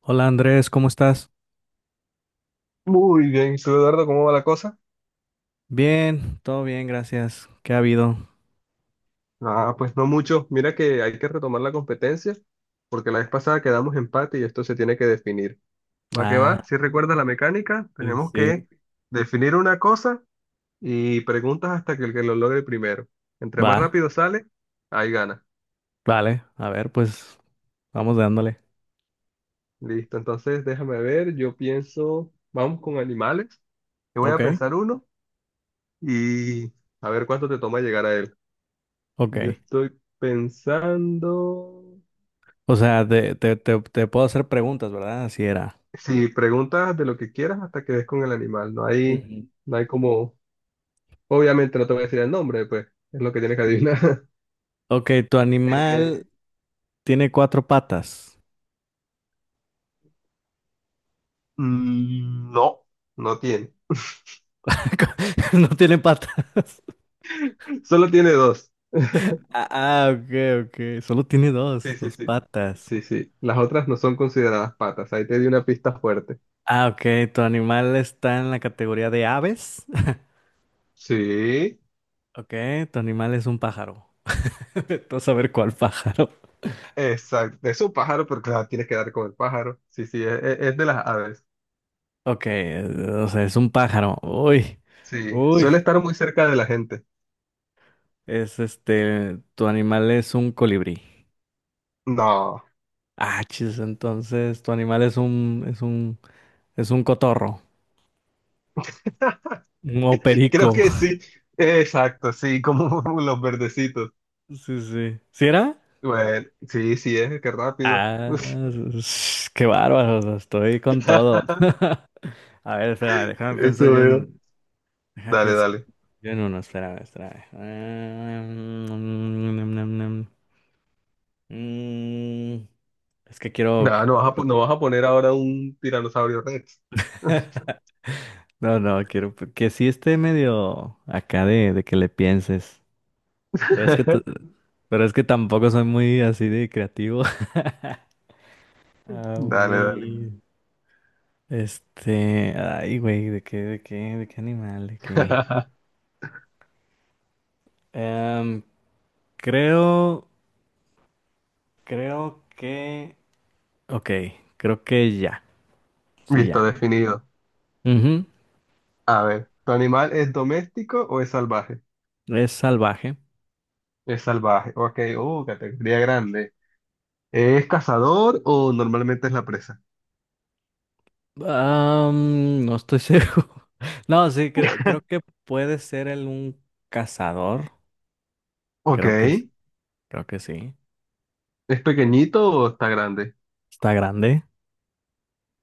Hola Andrés, ¿cómo estás? Muy bien, ¿y tú, Eduardo, cómo va la cosa? Bien, todo bien, gracias. ¿Qué ha habido? Ah, pues no mucho. Mira que hay que retomar la competencia, porque la vez pasada quedamos empate y esto se tiene que definir. ¿Va que Ah, va? Si recuerdas la mecánica, sí, tenemos sí. que definir una cosa y preguntas hasta que el que lo logre primero. Entre Va, más rápido sale, ahí gana. vale. A ver, pues vamos dándole. Listo, entonces déjame ver, yo pienso, vamos con animales. Yo voy Ok, a pensar uno y a ver cuánto te toma llegar a él. ok. Yo estoy pensando. O sea, te puedo hacer preguntas, ¿verdad? Así era. Si preguntas de lo que quieras hasta que des con el animal, no hay, Ujú. no hay como, obviamente no te voy a decir el nombre, pues es lo que tienes que adivinar. Ok, tu Eh, animal tiene cuatro patas. mm, no, no tiene. No tiene patas. Solo tiene dos. Ah, ah, ok, ok. Solo tiene dos, Sí, sí, dos sí. patas. Sí, sí. Las otras no son consideradas patas. Ahí te di una pista fuerte. Ah, ok. ¿Tu animal está en la categoría de aves? Sí, Ok, tu animal es un pájaro. Tú saber cuál pájaro. exacto. Es un pájaro, pero claro, tienes que dar con el pájaro. Sí, sí, es de las aves. Ok, o sea, es un pájaro. Uy, Sí, uy. suele estar muy cerca de la gente. Tu animal es un colibrí. No, Ah, chis, entonces tu animal es un, es un cotorro, un creo perico. que sí. Exacto, sí, como los verdecitos. Sí, sí. ¿Sí era? Bueno, sí, sí, es qué rápido. Ah, qué bárbaro, o sea, estoy con todo. A ver, espérame, Eso veo. Déjame Dale, pienso dale. yo en uno, espérame, espérame. Mm. mm. Es que quiero. Nada, no vas a poner ahora un tiranosaurio Rex. No, no, quiero que sí esté medio acá de que le pienses. Pero es que, t- pero es que tampoco soy muy así de creativo. A Dale, dale. ver, ay, güey, ¿de qué, animal, de qué? Em, creo, creo que, ok, creo que ya, sí, Listo, ya. definido. Ujú. A ver, ¿tu animal es doméstico o es salvaje? Es salvaje. Es salvaje. Ok, categoría grande. ¿Es cazador o normalmente es la presa? No estoy seguro. No, sí, creo que puede ser un cazador, Ok. creo que sí. Creo que sí. ¿Es pequeñito o está grande? ¿Está grande?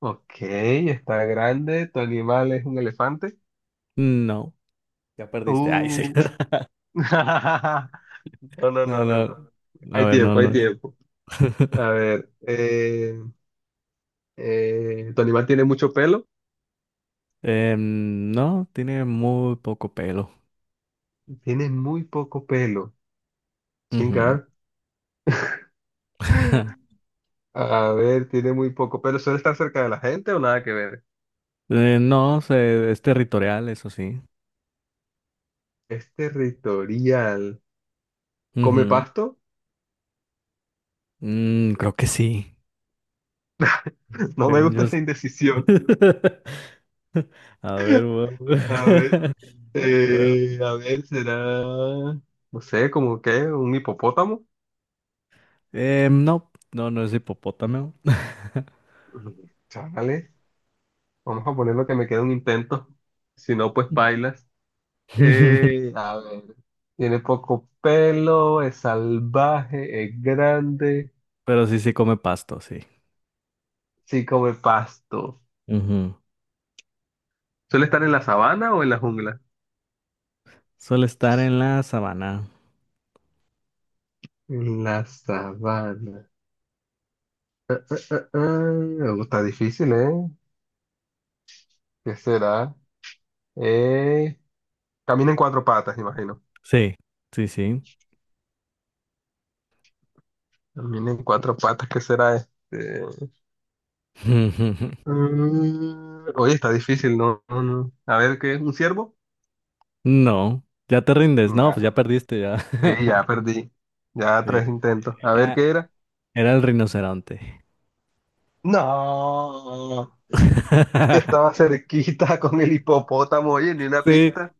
Ok, está grande. ¿Tu animal es un elefante? No. Ya perdiste. Ay, sí. Uh. No, no, No, no, no, no. no. A Hay ver, no, tiempo, hay no. Es. tiempo. A ver, ¿tu animal tiene mucho pelo? No, tiene muy poco pelo. Tiene muy poco pelo. Ujú. Chingar. A ver, tiene muy poco pelo. ¿Suele estar cerca de la gente o nada que ver? No, es territorial, eso sí. Es territorial. ¿Come Ujú. pasto? Creo que sí. No me Según gusta yo. esa indecisión. A ver, bueno. A ver, Bueno, a ver, será, no sé, como que un hipopótamo. No, no, no es hipopótamo. Chale, vamos a poner lo que me queda un intento. Si no, pues bailas. A ver, tiene poco pelo, es salvaje, es grande, Pero sí, sí come pasto, sí. sí come pasto. Ujú. ¿Suele estar en la sabana o en la jungla? Suele estar en la sabana. En la sabana. Ah, ah, oh, está difícil, ¿eh? ¿Qué será? Eh, camina en cuatro patas, imagino. Sí, sí, sí. Camina en cuatro patas, ¿qué será este? Oye, está difícil, ¿no? No, no. A ver, ¿qué es? ¿Un ciervo? No, ya te rindes. No, pues ya Nah, perdiste ya. sí, ya perdí. Ya tres Sí, intentos. A ver, era, ¿qué era? era el rinoceronte. No, estaba cerquita con el hipopótamo, oye, ni una Sí, pista.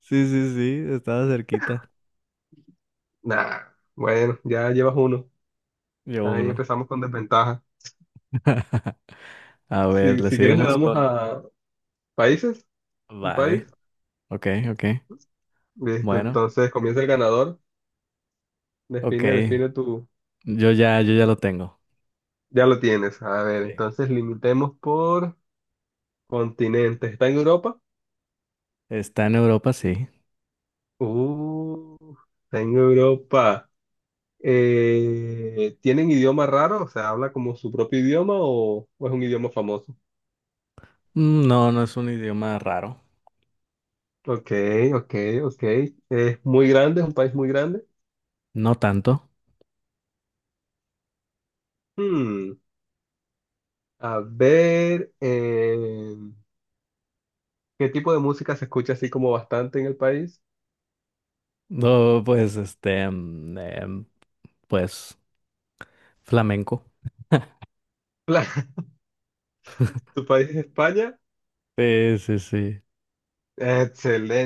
sí, sí, sí, estaba cerquita. Nah, bueno, ya llevas uno. Yo Ahí uno. empezamos con desventaja. A ver, Si, le si quieres le seguimos damos con... a países, un país. Vale, ok, ok. Listo, Bueno, entonces comienza el ganador. ok. Define tu. Yo ya lo tengo. Ya lo tienes. A ver, Sí. entonces limitemos por continentes. ¿Está en Europa? Está en Europa, sí. Uh, está en Europa. ¿Tienen idioma raro? O sea, ¿habla como su propio idioma o es un idioma famoso? No, no es un idioma raro. Ok, ok, ok. Es muy grande, es un país muy grande. No tanto. Hmm, A ver, ¿qué tipo de música se escucha así como bastante en el país? No, pues, pues... Flamenco. Claro, ¿Tu país es España? Sí, sí, sí.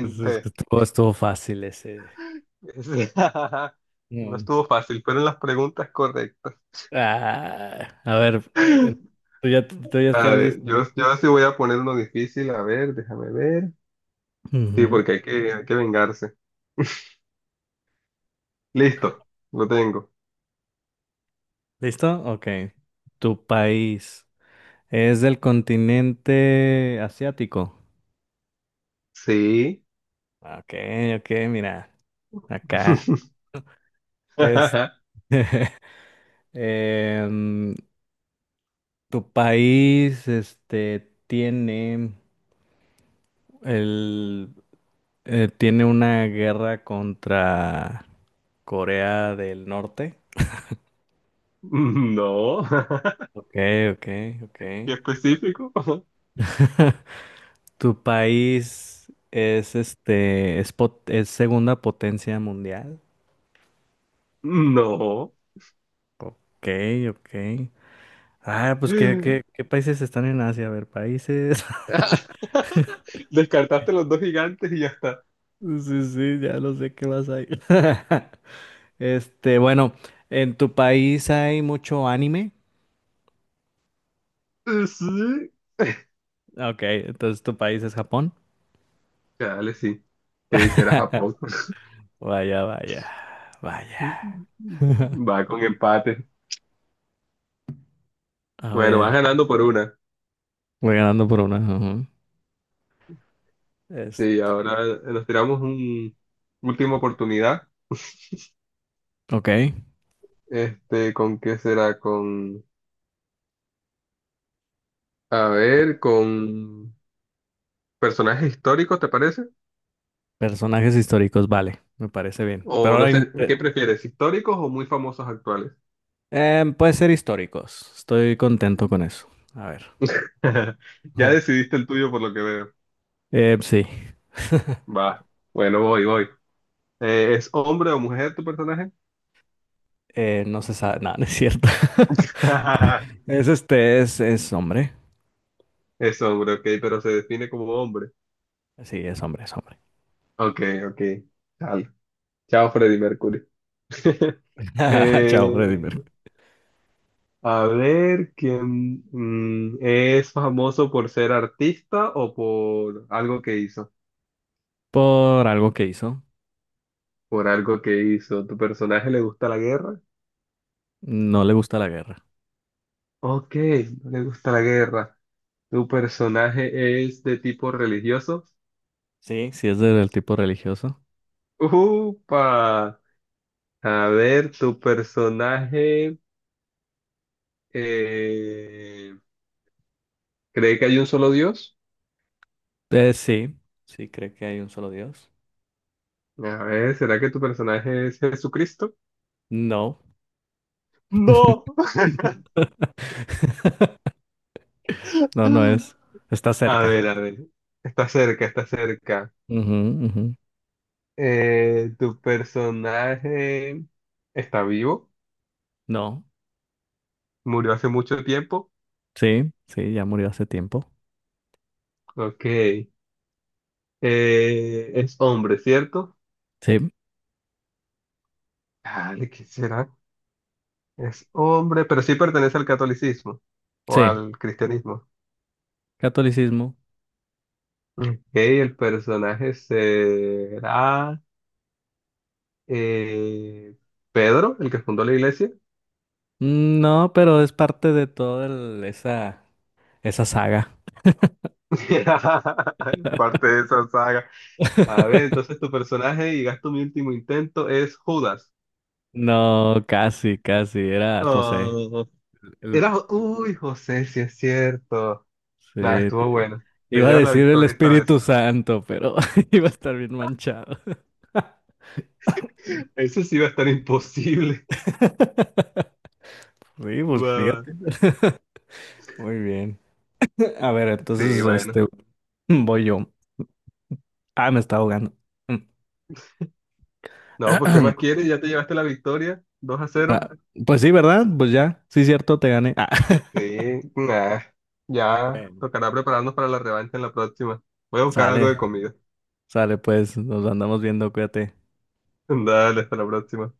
Es que estuvo fácil ese. No Mm. estuvo fácil, fueron las preguntas correctas. Ah, a ver, ¿Tú ya A estás ver, listo? yo sí voy a poner uno difícil. A ver, déjame ver. Sí, Ujú. porque hay que vengarse. Listo, lo tengo. ¿Listo? Ok. ¿Tu país es del continente asiático? Sí. Ok, ok, mira, acá. Es. em, ¿Tu país, el, tiene una guerra contra Corea del Norte. No. Ok, ok, ok. ¿Qué específico? ¿Tu país es segunda potencia mundial? No. Ok, ok. Ah, pues ¿qué, países están en Asia? A ver, países. Descartaste los dos gigantes y ya está. Sí, sí, ya lo sé qué vas a ir. Bueno, ¿en tu país hay mucho anime? Sí. Ok, entonces tu país es Japón. Dale, sí. Sí, hiciera Japón. Vaya, vaya, vaya. Va con empate. A Bueno, vas ver, ganando por una. voy ganando por una. Ajá. Es, Sí, ahora nos tiramos un última oportunidad. ok. Este, ¿con qué será? A ver, con personajes históricos, ¿te parece? Personajes históricos, vale, me parece bien. Pero O no ahora sé, ¿qué prefieres? ¿Históricos o muy famosos actuales? Puede ser históricos. Estoy contento con eso. A ver. Ya Ujú. decidiste el tuyo por lo que veo. Sí. Va. Bueno, voy, voy. ¿Es hombre o mujer tu personaje? No se sabe. No, no es cierto. Es hombre. Es hombre, ok, pero se define como hombre. Sí, es hombre, es hombre. Ok, ok. Chao, Chao, Freddie Mercury. Chao, Freddy Eh, Mercury. a ver, ¿quién es famoso por ser artista o por algo que hizo? Por algo que hizo. Por algo que hizo. ¿Tu personaje le gusta la guerra? No le gusta la guerra. Ok, no le gusta la guerra. ¿Tu personaje es de tipo religioso? Sí, sí es del tipo religioso. Upa, a ver, tu personaje eh, cree que hay un solo Dios. Sí, sí cree que hay un solo Dios. A ver, ¿será que tu personaje es Jesucristo? No. No. No, no es. Está a cerca. ver, está cerca, está cerca. Ujú, ujú. ¿Tu personaje está vivo? No, ¿Murió hace mucho tiempo? sí, sí, ya murió hace tiempo. Ok. Es hombre, ¿cierto? Sí, Dale, ¿qué será? Es hombre, pero sí pertenece al catolicismo o sí, al cristianismo. catolicismo. Ok, el personaje será eh, Pedro, el que fundó la iglesia. No, pero es parte de toda esa saga. Parte de esa saga. A ver, entonces tu personaje, y gasto mi último intento, es Judas. No, casi, casi, era José. Oh, El- era, uy, José, sí es cierto. sí, Nada, estuvo te- bueno. Te iba a llevas la decir el victoria esta Espíritu vez. Santo, pero iba a estar bien manchado. Eso sí va a estar imposible. Sí, pues Va, va. fíjate. Muy bien. A ver, Sí, entonces, bueno. Voy yo. Ah, me está ahogando. No, pues ¿qué más quieres? Ya te llevaste la victoria. 2-0. Ah, pues sí, ¿verdad? Pues ya, sí, cierto, te gané. Ah. Sí, nah, ya tocará prepararnos para la revancha en la próxima. Voy a buscar algo Sale, de comida. sale pues, nos andamos viendo, cuídate. Dale, hasta la próxima.